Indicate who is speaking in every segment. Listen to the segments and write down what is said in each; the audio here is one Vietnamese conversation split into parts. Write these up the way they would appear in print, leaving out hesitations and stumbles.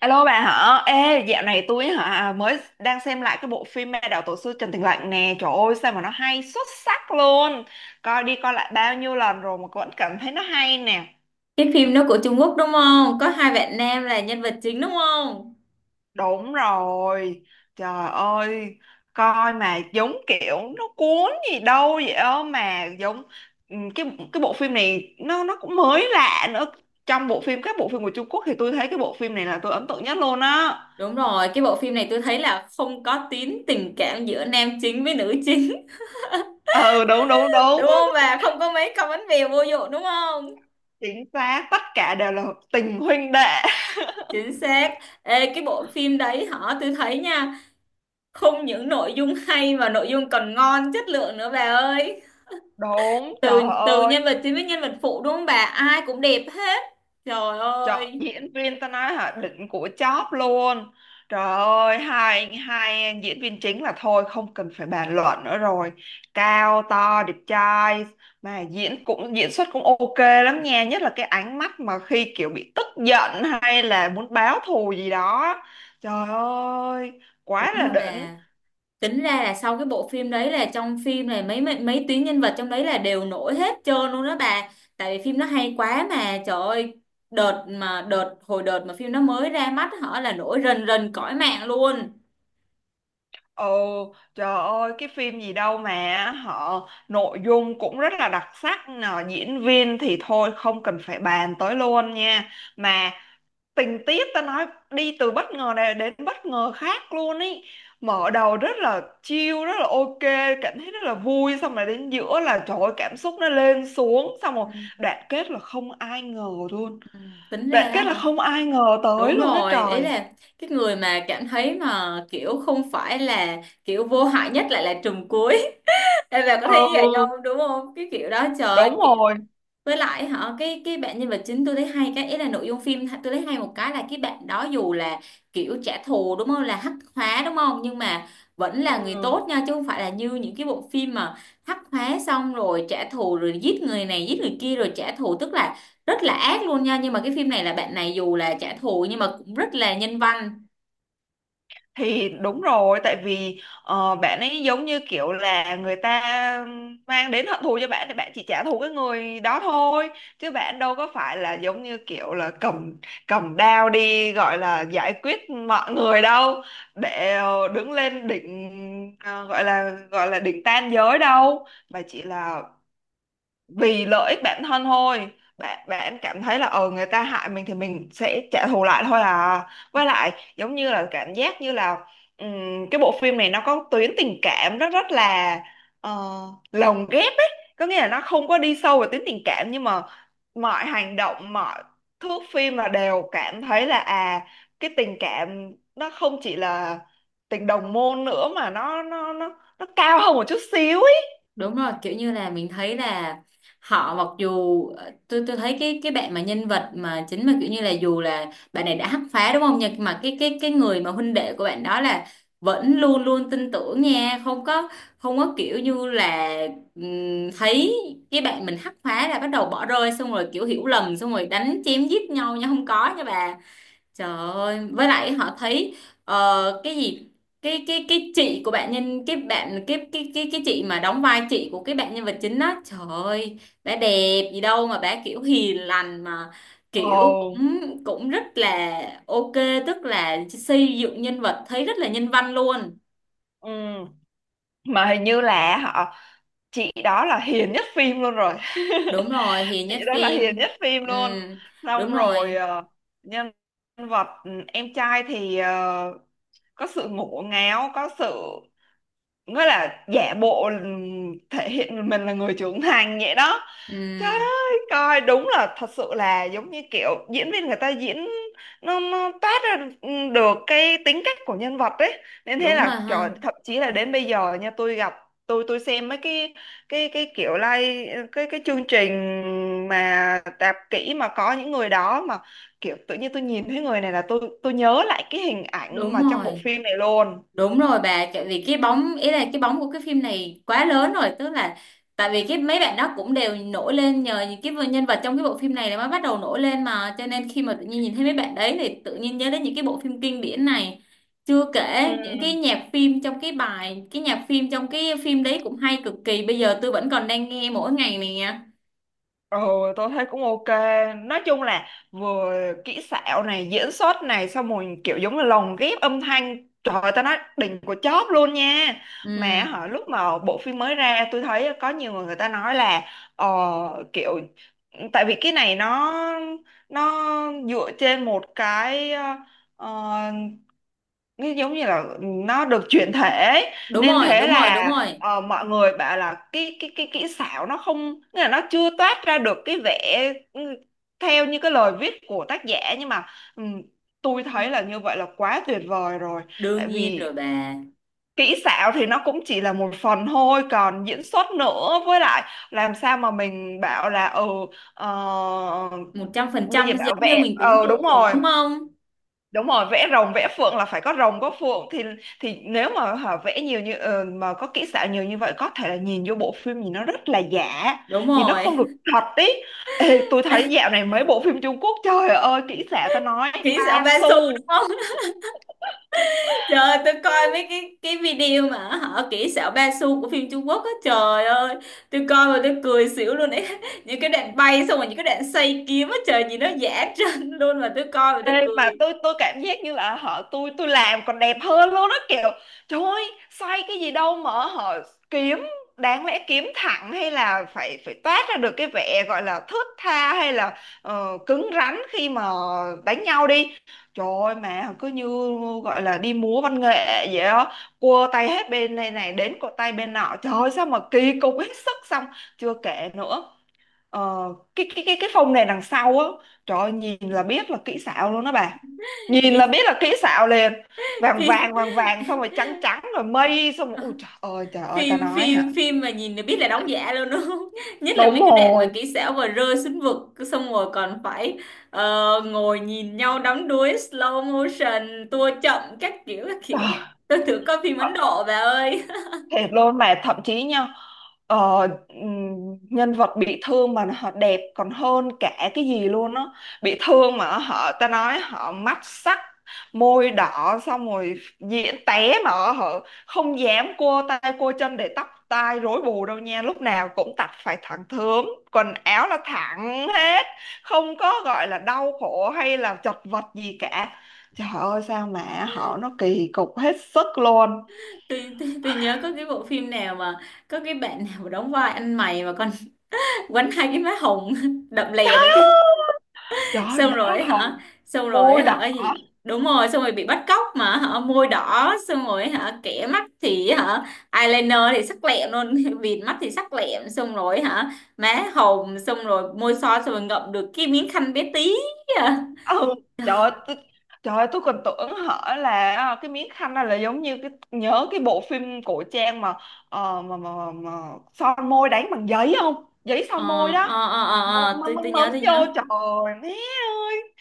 Speaker 1: Alo bà hả? Ê, dạo này tôi mới đang xem lại cái bộ phim Ma Đạo Tổ Sư Trần Tình Lạnh nè. Trời ơi, sao mà nó hay xuất sắc luôn. Coi đi coi lại bao nhiêu lần rồi mà vẫn cảm thấy nó hay nè.
Speaker 2: Cái phim nó của Trung Quốc đúng không? Có hai bạn nam là nhân vật chính đúng không?
Speaker 1: Đúng rồi. Trời ơi, coi mà giống kiểu nó cuốn gì đâu vậy đó, mà giống ừ, cái cái bộ phim này nó cũng mới lạ nữa. Trong bộ phim Các bộ phim của Trung Quốc thì tôi thấy cái bộ phim này là tôi ấn tượng nhất luôn á.
Speaker 2: Đúng rồi, cái bộ phim này tôi thấy là không có tín tình cảm giữa nam chính với nữ chính.
Speaker 1: Ừ, đúng, đúng, đúng.
Speaker 2: Đúng không? Và không có mấy cặp bánh bèo vô dụng đúng không?
Speaker 1: Chính xác, tất cả đều là tình huynh đệ.
Speaker 2: Chính xác. Ê, cái bộ phim đấy hả? Tôi thấy nha, không những nội dung hay mà nội dung còn ngon, chất lượng nữa bà ơi.
Speaker 1: Đúng, trời
Speaker 2: Từ từ
Speaker 1: ơi,
Speaker 2: nhân vật chính với nhân vật phụ đúng không bà? Ai cũng đẹp hết. Trời
Speaker 1: chọn
Speaker 2: ơi,
Speaker 1: diễn viên ta nói đỉnh của chóp luôn. Trời ơi, hai hai diễn viên chính là thôi không cần phải bàn luận nữa rồi. Cao to đẹp trai, mà diễn xuất cũng ok lắm nha, nhất là cái ánh mắt mà khi kiểu bị tức giận hay là muốn báo thù gì đó. Trời ơi,
Speaker 2: đúng
Speaker 1: quá là
Speaker 2: rồi
Speaker 1: đỉnh.
Speaker 2: bà. Tính ra là sau cái bộ phim đấy là trong phim này mấy mấy, mấy tuyến nhân vật trong đấy là đều nổi hết trơn luôn đó bà, tại vì phim nó hay quá mà trời ơi, đợt mà đợt hồi đợt mà phim nó mới ra mắt họ là nổi rần rần cõi mạng luôn.
Speaker 1: Ồ, trời ơi, cái phim gì đâu mà họ nội dung cũng rất là đặc sắc nè, diễn viên thì thôi không cần phải bàn tới luôn nha. Mà tình tiết ta nói đi từ bất ngờ này đến bất ngờ khác luôn ý. Mở đầu rất là chill, rất là ok, cảm thấy rất là vui, xong rồi đến giữa là trời ơi, cảm xúc nó lên xuống, xong rồi
Speaker 2: Ừ.
Speaker 1: đoạn kết là không ai ngờ luôn.
Speaker 2: Ừ, tính ra
Speaker 1: Đoạn
Speaker 2: đó
Speaker 1: kết là
Speaker 2: hả,
Speaker 1: không ai ngờ tới
Speaker 2: đúng
Speaker 1: luôn á
Speaker 2: rồi, ý
Speaker 1: trời.
Speaker 2: là cái người mà cảm thấy mà kiểu không phải là kiểu vô hại nhất lại là trùm cuối. Em bà có thấy như vậy
Speaker 1: Ừ,
Speaker 2: không, đúng không? Cái kiểu đó trời ơi,
Speaker 1: đúng rồi.
Speaker 2: với lại họ, cái bạn nhân vật chính tôi thấy hay cái ý là nội dung phim tôi thấy hay một cái là cái bạn đó dù là kiểu trả thù đúng không, là hắc hóa đúng không, nhưng mà vẫn là người tốt nha, chứ không phải là như những cái bộ phim mà hắc hóa xong rồi trả thù rồi giết người này giết người kia rồi trả thù, tức là rất là ác luôn nha, nhưng mà cái phim này là bạn này dù là trả thù nhưng mà cũng rất là nhân văn.
Speaker 1: Thì đúng rồi, tại vì bạn ấy giống như kiểu là người ta mang đến hận thù cho bạn thì bạn chỉ trả thù cái người đó thôi, chứ bạn đâu có phải là giống như kiểu là cầm cầm đao đi gọi là giải quyết mọi người đâu. Để đứng lên đỉnh, gọi là đỉnh tam giới đâu, mà chỉ là vì lợi ích bản thân thôi. Bạn bạn cảm thấy là người ta hại mình thì mình sẽ trả thù lại thôi à. Với lại giống như là cảm giác như là cái bộ phim này nó có tuyến tình cảm rất rất là uh, lồng ghép ấy. Có nghĩa là nó không có đi sâu vào tuyến tình cảm, nhưng mà mọi hành động, mọi thước phim là đều cảm thấy là cái tình cảm nó không chỉ là tình đồng môn nữa, mà nó cao hơn một chút xíu ấy.
Speaker 2: Đúng rồi, kiểu như là mình thấy là họ mặc dù tôi thấy cái bạn mà nhân vật mà chính mà kiểu như là dù là bạn này đã hắc phá đúng không, nhưng mà cái người mà huynh đệ của bạn đó là vẫn luôn luôn tin tưởng nha, không có, không có kiểu như là thấy cái bạn mình hắc phá là bắt đầu bỏ rơi xong rồi kiểu hiểu lầm xong rồi đánh chém giết nhau nha, không có nha bà. Trời ơi, với lại họ thấy cái gì, cái chị của bạn nhân cái bạn cái chị mà đóng vai chị của cái bạn nhân vật chính đó, trời ơi bà đẹp gì đâu, mà bà kiểu hiền lành mà
Speaker 1: Ồ.
Speaker 2: kiểu cũng cũng rất là ok, tức là xây dựng nhân vật thấy rất là nhân văn luôn.
Speaker 1: Ừ. Mà hình như là chị đó là hiền nhất phim luôn rồi.
Speaker 2: Đúng rồi, hiền
Speaker 1: Chị
Speaker 2: nhất
Speaker 1: đó là
Speaker 2: phim.
Speaker 1: hiền nhất phim
Speaker 2: Ừ,
Speaker 1: luôn. Xong
Speaker 2: đúng
Speaker 1: rồi
Speaker 2: rồi.
Speaker 1: nhân vật, em trai thì có sự ngổ ngáo, có sự nghĩa là giả bộ, thể hiện mình là người trưởng thành vậy đó.
Speaker 2: Ừ,
Speaker 1: Trời ơi, coi đúng là thật sự là giống như kiểu diễn viên người ta diễn, nó toát ra được cái tính cách của nhân vật ấy, nên thế
Speaker 2: đúng
Speaker 1: là
Speaker 2: rồi
Speaker 1: trời,
Speaker 2: ha,
Speaker 1: thậm chí là đến bây giờ nha, tôi xem mấy cái kiểu like cái chương trình mà tạp kỹ, mà có những người đó mà kiểu tự nhiên tôi nhìn thấy người này là tôi nhớ lại cái hình ảnh
Speaker 2: đúng
Speaker 1: mà trong bộ
Speaker 2: rồi.
Speaker 1: phim này luôn.
Speaker 2: Đúng rồi bà, tại vì cái bóng, ý là cái bóng của cái phim này quá lớn rồi, tức là tại vì cái mấy bạn đó cũng đều nổi lên nhờ những cái nhân vật trong cái bộ phim này là mới bắt đầu nổi lên, mà cho nên khi mà tự nhiên nhìn thấy mấy bạn đấy thì tự nhiên nhớ đến những cái bộ phim kinh điển này. Chưa
Speaker 1: Ừ.
Speaker 2: kể những cái nhạc phim trong cái bài, cái nhạc phim trong cái phim đấy cũng hay cực kỳ, bây giờ tôi vẫn còn đang nghe mỗi ngày nè.
Speaker 1: Ừ, tôi thấy cũng ok. Nói chung là vừa kỹ xảo này, diễn xuất này, xong rồi kiểu giống là lồng ghép âm thanh. Trời ơi, tao nói đỉnh của chóp luôn nha.
Speaker 2: Ừ,
Speaker 1: Mà lúc mà bộ phim mới ra, tôi thấy có nhiều người người ta nói là ờ, kiểu tại vì cái này nó dựa trên một cái, ờ, nó giống như là nó được chuyển thể ấy.
Speaker 2: đúng
Speaker 1: Nên
Speaker 2: rồi,
Speaker 1: thế
Speaker 2: đúng rồi,
Speaker 1: là
Speaker 2: đúng rồi.
Speaker 1: mọi người bảo là cái kỹ xảo nó không nghĩa là nó chưa toát ra được cái vẻ, ừ, theo như cái lời viết của tác giả, nhưng mà ừm, tôi thấy là như vậy là quá tuyệt vời rồi. Tại
Speaker 2: Đương nhiên
Speaker 1: vì
Speaker 2: rồi bà.
Speaker 1: kỹ xảo thì nó cũng chỉ là một phần thôi, còn diễn xuất nữa, với lại làm sao mà mình bảo là ờ,
Speaker 2: một trăm phần
Speaker 1: bây giờ
Speaker 2: trăm giống
Speaker 1: bảo
Speaker 2: như
Speaker 1: vệ,
Speaker 2: mình tưởng
Speaker 1: đúng
Speaker 2: tượng được
Speaker 1: rồi.
Speaker 2: đúng không?
Speaker 1: Đúng rồi, vẽ rồng vẽ phượng là phải có rồng có phượng, thì nếu mà vẽ nhiều như, mà có kỹ xảo nhiều như vậy có thể là nhìn vô bộ phim nhìn nó rất là giả,
Speaker 2: Đúng
Speaker 1: nhìn nó
Speaker 2: rồi.
Speaker 1: không được thật ý. Ê, tôi thấy dạo này mấy bộ phim Trung Quốc trời ơi kỹ xảo ta nói
Speaker 2: Kỹ xảo
Speaker 1: ba
Speaker 2: ba xu đúng
Speaker 1: xu.
Speaker 2: không? Trời ơi, tôi coi mấy cái video mà họ kỹ xảo ba xu của phim Trung Quốc á, trời ơi tôi coi mà tôi cười xỉu luôn ấy. Những cái đoạn bay xong rồi những cái đoạn xoay kiếm á trời, nhìn nó giả trân luôn, mà tôi coi mà tôi
Speaker 1: Ê,
Speaker 2: cười
Speaker 1: mà tôi cảm giác như là tôi làm còn đẹp hơn luôn đó kiểu. Trời ơi xoay cái gì đâu mà họ kiếm, đáng lẽ kiếm thẳng hay là phải phải toát ra được cái vẻ gọi là thướt tha, hay là cứng rắn khi mà đánh nhau đi. Trời ơi mà cứ như gọi là đi múa văn nghệ vậy đó, cua tay hết bên này này đến cột tay bên nọ, trời ơi sao mà kỳ cục hết sức. Xong chưa kể nữa, Ờ, cái phông này đằng sau á, trời ơi, nhìn là biết là kỹ xảo luôn đó bà. Nhìn là
Speaker 2: nhìn.
Speaker 1: biết là kỹ xảo liền, vàng
Speaker 2: phim
Speaker 1: vàng vàng vàng xong rồi trắng trắng rồi mây, xong rồi ui trời ơi, trời ơi, ta
Speaker 2: phim
Speaker 1: nói hả.
Speaker 2: phim phim mà nhìn là biết là đóng giả luôn đúng không? Nhất là
Speaker 1: Đúng
Speaker 2: mấy cái đoạn mà
Speaker 1: rồi.
Speaker 2: kỹ xảo mà rơi xuống vực xong rồi còn phải ngồi nhìn nhau đắm đuối, slow motion tua chậm các kiểu các kiểu.
Speaker 1: Trời.
Speaker 2: Tôi thử coi phim Ấn Độ bà ơi.
Speaker 1: Thiệt luôn mà thậm chí nha, ờ, nhân vật bị thương mà họ đẹp còn hơn cả cái gì luôn á. Bị thương mà họ ta nói họ mắt sắc, môi đỏ, xong rồi diễn té mà họ không dám cua tay cua chân để tóc tai rối bù đâu nha, lúc nào cũng tặt phải thẳng thớm, quần áo là thẳng hết, không có gọi là đau khổ hay là chật vật gì cả. Trời ơi sao mà họ nó kỳ cục hết sức luôn.
Speaker 2: Tôi nhớ có cái bộ phim nào mà có cái bạn nào đóng vai anh mày mà còn quánh hai cái má hồng đậm lè đó chứ.
Speaker 1: Trời ơi,
Speaker 2: Xong
Speaker 1: má
Speaker 2: rồi hả,
Speaker 1: hồng,
Speaker 2: xong
Speaker 1: môi
Speaker 2: rồi
Speaker 1: đỏ.
Speaker 2: hả gì, đúng rồi, xong rồi bị bắt cóc mà hả, môi đỏ xong rồi hả, kẻ mắt thì hả eyeliner thì sắc lẹm luôn. Bịt mắt thì sắc lẹm xong rồi hả, má hồng xong rồi môi son xong rồi ngậm được cái miếng khăn bé tí. À.
Speaker 1: Ừ, trời ơi, trời ơi, tôi còn tưởng hở là cái miếng khăn này là giống như nhớ cái bộ phim cổ trang mà, mà son môi đánh bằng giấy không? Giấy
Speaker 2: ờ
Speaker 1: son môi đó.
Speaker 2: ờ
Speaker 1: Mắm mắm
Speaker 2: tôi
Speaker 1: mắm
Speaker 2: nhớ
Speaker 1: mấm
Speaker 2: tôi
Speaker 1: vô,
Speaker 2: nhớ.
Speaker 1: trời ơi, má ơi.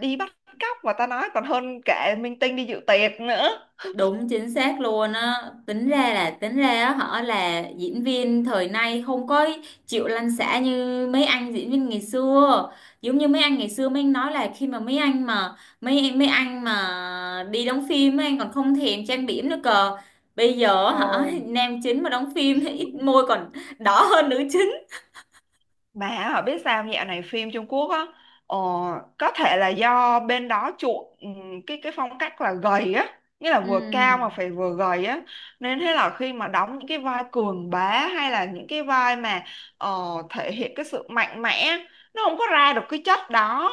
Speaker 1: Đi bắt cóc mà ta nói còn hơn cả minh tinh đi dự tiệc nữa.
Speaker 2: Đúng chính xác luôn á. Tính ra là tính ra á họ là diễn viên thời nay không có chịu lăn xả như mấy anh diễn viên ngày xưa. Giống như mấy anh ngày xưa mấy anh nói là khi mà mấy anh mà mấy em mấy anh mà đi đóng phim mấy anh còn không thèm trang điểm nữa cơ. Bây giờ hả
Speaker 1: Ồ.
Speaker 2: nam chính mà đóng phim thì ít môi còn đỏ hơn nữ chính.
Speaker 1: Mà biết sao dạo này phim Trung Quốc á, ờ, có thể là do bên đó chuộng cái phong cách là gầy á, nghĩa là vừa cao mà
Speaker 2: Ừ.
Speaker 1: phải vừa gầy á, nên thế là khi mà đóng những cái vai cường bá hay là những cái vai mà ờ, thể hiện cái sự mạnh mẽ nó không có ra được cái chất đó,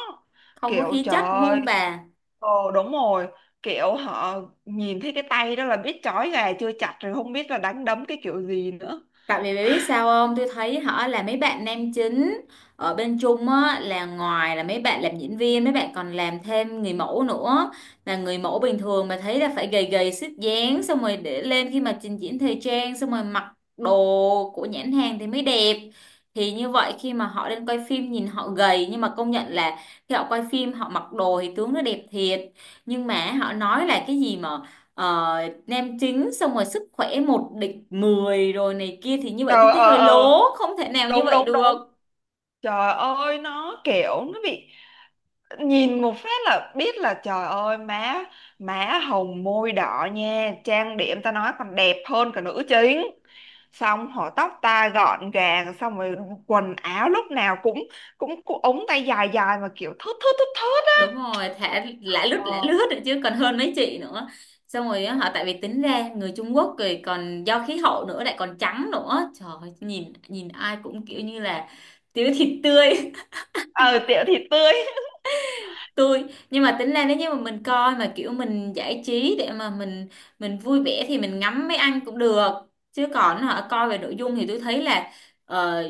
Speaker 2: Không có
Speaker 1: kiểu
Speaker 2: khí
Speaker 1: trời
Speaker 2: chất đúng
Speaker 1: ơi.
Speaker 2: không bà?
Speaker 1: Ồ đúng rồi. Kiểu họ nhìn thấy cái tay đó là biết trói gà chưa chặt rồi, không biết là đánh đấm cái kiểu gì nữa.
Speaker 2: Tại vì biết sao không? Tôi thấy họ là mấy bạn nam chính ở bên Trung á, là ngoài là mấy bạn làm diễn viên, mấy bạn còn làm thêm người mẫu nữa. Là người mẫu bình thường mà thấy là phải gầy gầy xích dáng xong rồi để lên khi mà trình diễn thời trang xong rồi mặc đồ của nhãn hàng thì mới đẹp. Thì như vậy khi mà họ lên quay phim nhìn họ gầy nhưng mà công nhận là khi họ quay phim họ mặc đồ thì tướng nó đẹp thiệt. Nhưng mà họ nói là cái gì mà ờ, nem chính xong rồi sức khỏe một địch 10 rồi này kia, thì như vậy tôi
Speaker 1: Ờ,
Speaker 2: thấy
Speaker 1: ờ,
Speaker 2: hơi
Speaker 1: ờ,
Speaker 2: lố, không thể nào như
Speaker 1: đúng,
Speaker 2: vậy
Speaker 1: đúng,
Speaker 2: được.
Speaker 1: đúng. Trời ơi nó kiểu nó bị nhìn một phát là biết là trời ơi má má hồng môi đỏ nha, trang điểm ta nói còn đẹp hơn cả nữ chính. Xong họ tóc ta gọn gàng, xong rồi quần áo lúc nào cũng cũng ống tay dài dài mà kiểu thướt thướt thướt thướt á.
Speaker 2: Đúng rồi, thả lả
Speaker 1: ờ
Speaker 2: lướt rồi, chứ còn hơn mấy chị nữa. Xong rồi á, họ tại vì tính ra người Trung Quốc rồi còn do khí hậu nữa, lại còn trắng nữa, trời ơi, nhìn nhìn ai cũng kiểu như là thiếu thịt tươi.
Speaker 1: ờ, Tiểu thì tươi.
Speaker 2: tôi nhưng mà tính ra nếu như mà mình coi mà kiểu mình giải trí để mà mình vui vẻ thì mình ngắm mấy anh cũng được, chứ còn họ coi về nội dung thì tôi thấy là ờ,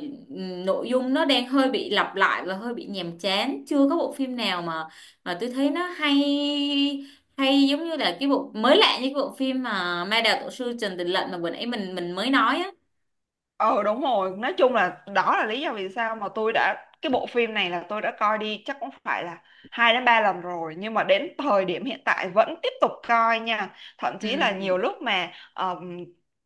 Speaker 2: nội dung nó đang hơi bị lặp lại và hơi bị nhàm chán, chưa có bộ phim nào mà tôi thấy nó hay, hay giống như là cái bộ mới lạ như cái bộ phim mà Ma Đào Tổ Sư Trần Tình Lệnh mà bữa nãy mình mới nói á.
Speaker 1: Ờ đúng rồi, nói chung là đó là lý do vì sao mà tôi đã cái bộ phim này là tôi đã coi đi chắc cũng phải là 2 đến 3 lần rồi, nhưng mà đến thời điểm hiện tại vẫn tiếp tục coi nha. Thậm
Speaker 2: Ừ,
Speaker 1: chí là nhiều lúc mà ờm,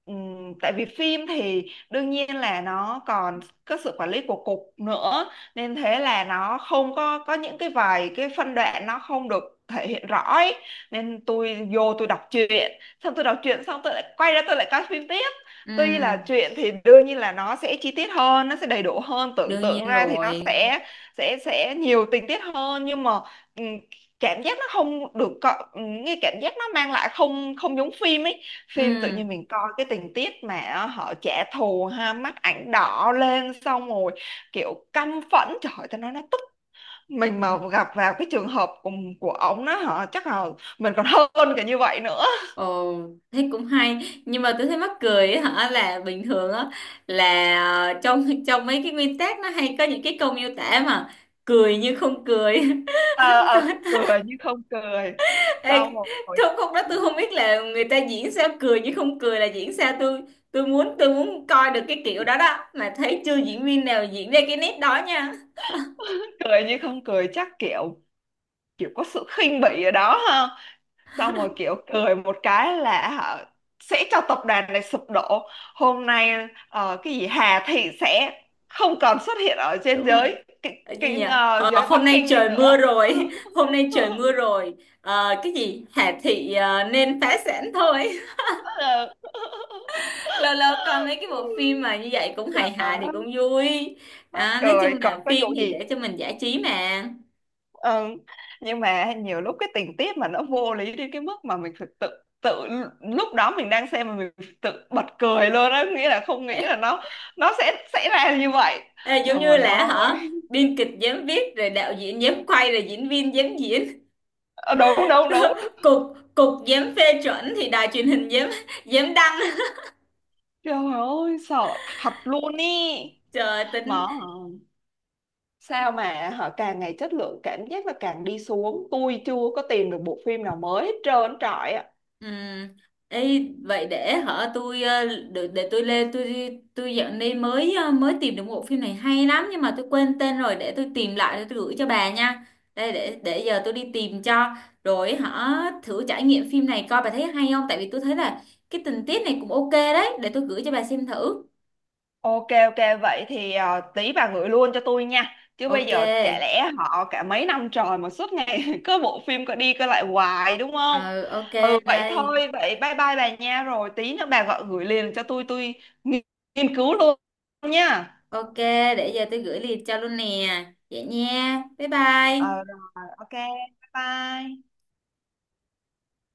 Speaker 1: ừm, tại vì phim thì đương nhiên là nó còn có sự quản lý của cục nữa, nên thế là nó không có những cái vài cái phân đoạn nó không được thể hiện rõ ấy. Nên tôi đọc truyện, xong tôi đọc truyện xong tôi lại quay ra tôi lại coi phim tiếp. Tuy là
Speaker 2: ừ,
Speaker 1: chuyện thì đương nhiên là nó sẽ chi tiết hơn, nó sẽ đầy đủ hơn, tưởng
Speaker 2: đương
Speaker 1: tượng
Speaker 2: nhiên
Speaker 1: ra thì nó
Speaker 2: rồi.
Speaker 1: sẽ nhiều tình tiết hơn, nhưng mà ừm, cảm giác nó không được có, cái cảm giác nó mang lại không không giống phim ấy. Phim tự nhiên mình coi cái tình tiết mà họ trả thù ha, mắt ảnh đỏ lên, xong rồi kiểu căm phẫn, trời ơi, tao nói nó tức. Mình
Speaker 2: Ừ.
Speaker 1: mà gặp vào cái trường hợp của ổng đó hả, chắc là mình còn hơn cả như vậy nữa.
Speaker 2: Ồ, thế cũng hay, nhưng mà tôi thấy mắc cười ấy, hả, là bình thường á, là trong trong mấy cái nguyên tắc nó hay có những cái câu miêu tả mà cười như không cười. Sao-
Speaker 1: Ờ Cười như không cười,
Speaker 2: Ê,
Speaker 1: xong rồi.
Speaker 2: không không đó, tôi không biết là người ta diễn sao, cười như không cười là diễn sao, tôi muốn coi được cái kiểu đó đó mà thấy chưa diễn viên nào diễn ra cái nét đó nha.
Speaker 1: Cười nhưng không cười chắc kiểu kiểu có sự khinh bỉ ở đó ha. Xong rồi kiểu cười một cái là sẽ cho tập đoàn này sụp đổ. Hôm nay cái gì Hà Thị sẽ không còn xuất hiện ở trên
Speaker 2: Đúng rồi.
Speaker 1: giới,
Speaker 2: Ờ, gì nhỉ? Ờ,
Speaker 1: giới Bắc
Speaker 2: hôm nay
Speaker 1: Kinh này
Speaker 2: trời mưa
Speaker 1: nữa.
Speaker 2: rồi. Hôm nay trời mưa rồi. Ờ, cái gì Hà Thị nên phá sản thôi.
Speaker 1: Ờ,
Speaker 2: Lâu lâu coi mấy cái bộ phim mà như vậy cũng hài
Speaker 1: trời
Speaker 2: hài thì cũng
Speaker 1: ơi,
Speaker 2: vui.
Speaker 1: mắc
Speaker 2: Đó, nói chung
Speaker 1: cười còn
Speaker 2: là
Speaker 1: có
Speaker 2: phim
Speaker 1: vụ
Speaker 2: thì
Speaker 1: gì.
Speaker 2: để cho mình giải trí mà.
Speaker 1: Ừ. Nhưng mà nhiều lúc cái tình tiết mà nó vô lý đến cái mức mà mình thực tự tự lúc đó mình đang xem mà mình tự bật cười luôn á, nghĩa là không nghĩ là
Speaker 2: Ê,
Speaker 1: nó sẽ xảy ra như vậy.
Speaker 2: ê,
Speaker 1: Trời
Speaker 2: giống như là hả,
Speaker 1: ơi.
Speaker 2: biên kịch dám viết rồi đạo diễn dám quay rồi diễn viên dám diễn,
Speaker 1: Ờ, đúng, đúng, đúng.
Speaker 2: cục cục dám phê chuẩn thì đài truyền hình dám, dám đăng.
Speaker 1: Trời ơi sợ thật luôn ý.
Speaker 2: Trời
Speaker 1: Mà
Speaker 2: tính.
Speaker 1: sao mà họ càng ngày chất lượng cảm giác là càng đi xuống, tôi chưa có tìm được bộ phim nào mới hết trơn trọi.
Speaker 2: Ừ. Ê, vậy để hả tôi để tôi lên tôi dạo này mới mới tìm được một phim này hay lắm nhưng mà tôi quên tên rồi, để tôi tìm lại để tôi gửi cho bà nha. Đây, để giờ tôi đi tìm cho. Rồi hả, thử trải nghiệm phim này coi bà thấy hay không, tại vì tôi thấy là cái tình tiết này cũng ok đấy, để tôi gửi cho bà xem thử.
Speaker 1: Ok ok, vậy thì tí bà gửi luôn cho tôi nha, chứ bây
Speaker 2: Ok.
Speaker 1: giờ chả lẽ họ cả mấy năm trời mà suốt ngày cứ bộ phim cứ đi cứ lại hoài đúng không.
Speaker 2: Ừ, ok.
Speaker 1: Ừ vậy
Speaker 2: Đây.
Speaker 1: thôi, vậy bye bye bà nha, rồi tí nữa bà gọi gửi liền cho tôi nghi- nghiên cứu luôn nha.
Speaker 2: Ok, để giờ tôi gửi liền cho luôn nè. Vậy nha, bye bye.
Speaker 1: Ờ rồi ok, bye bye.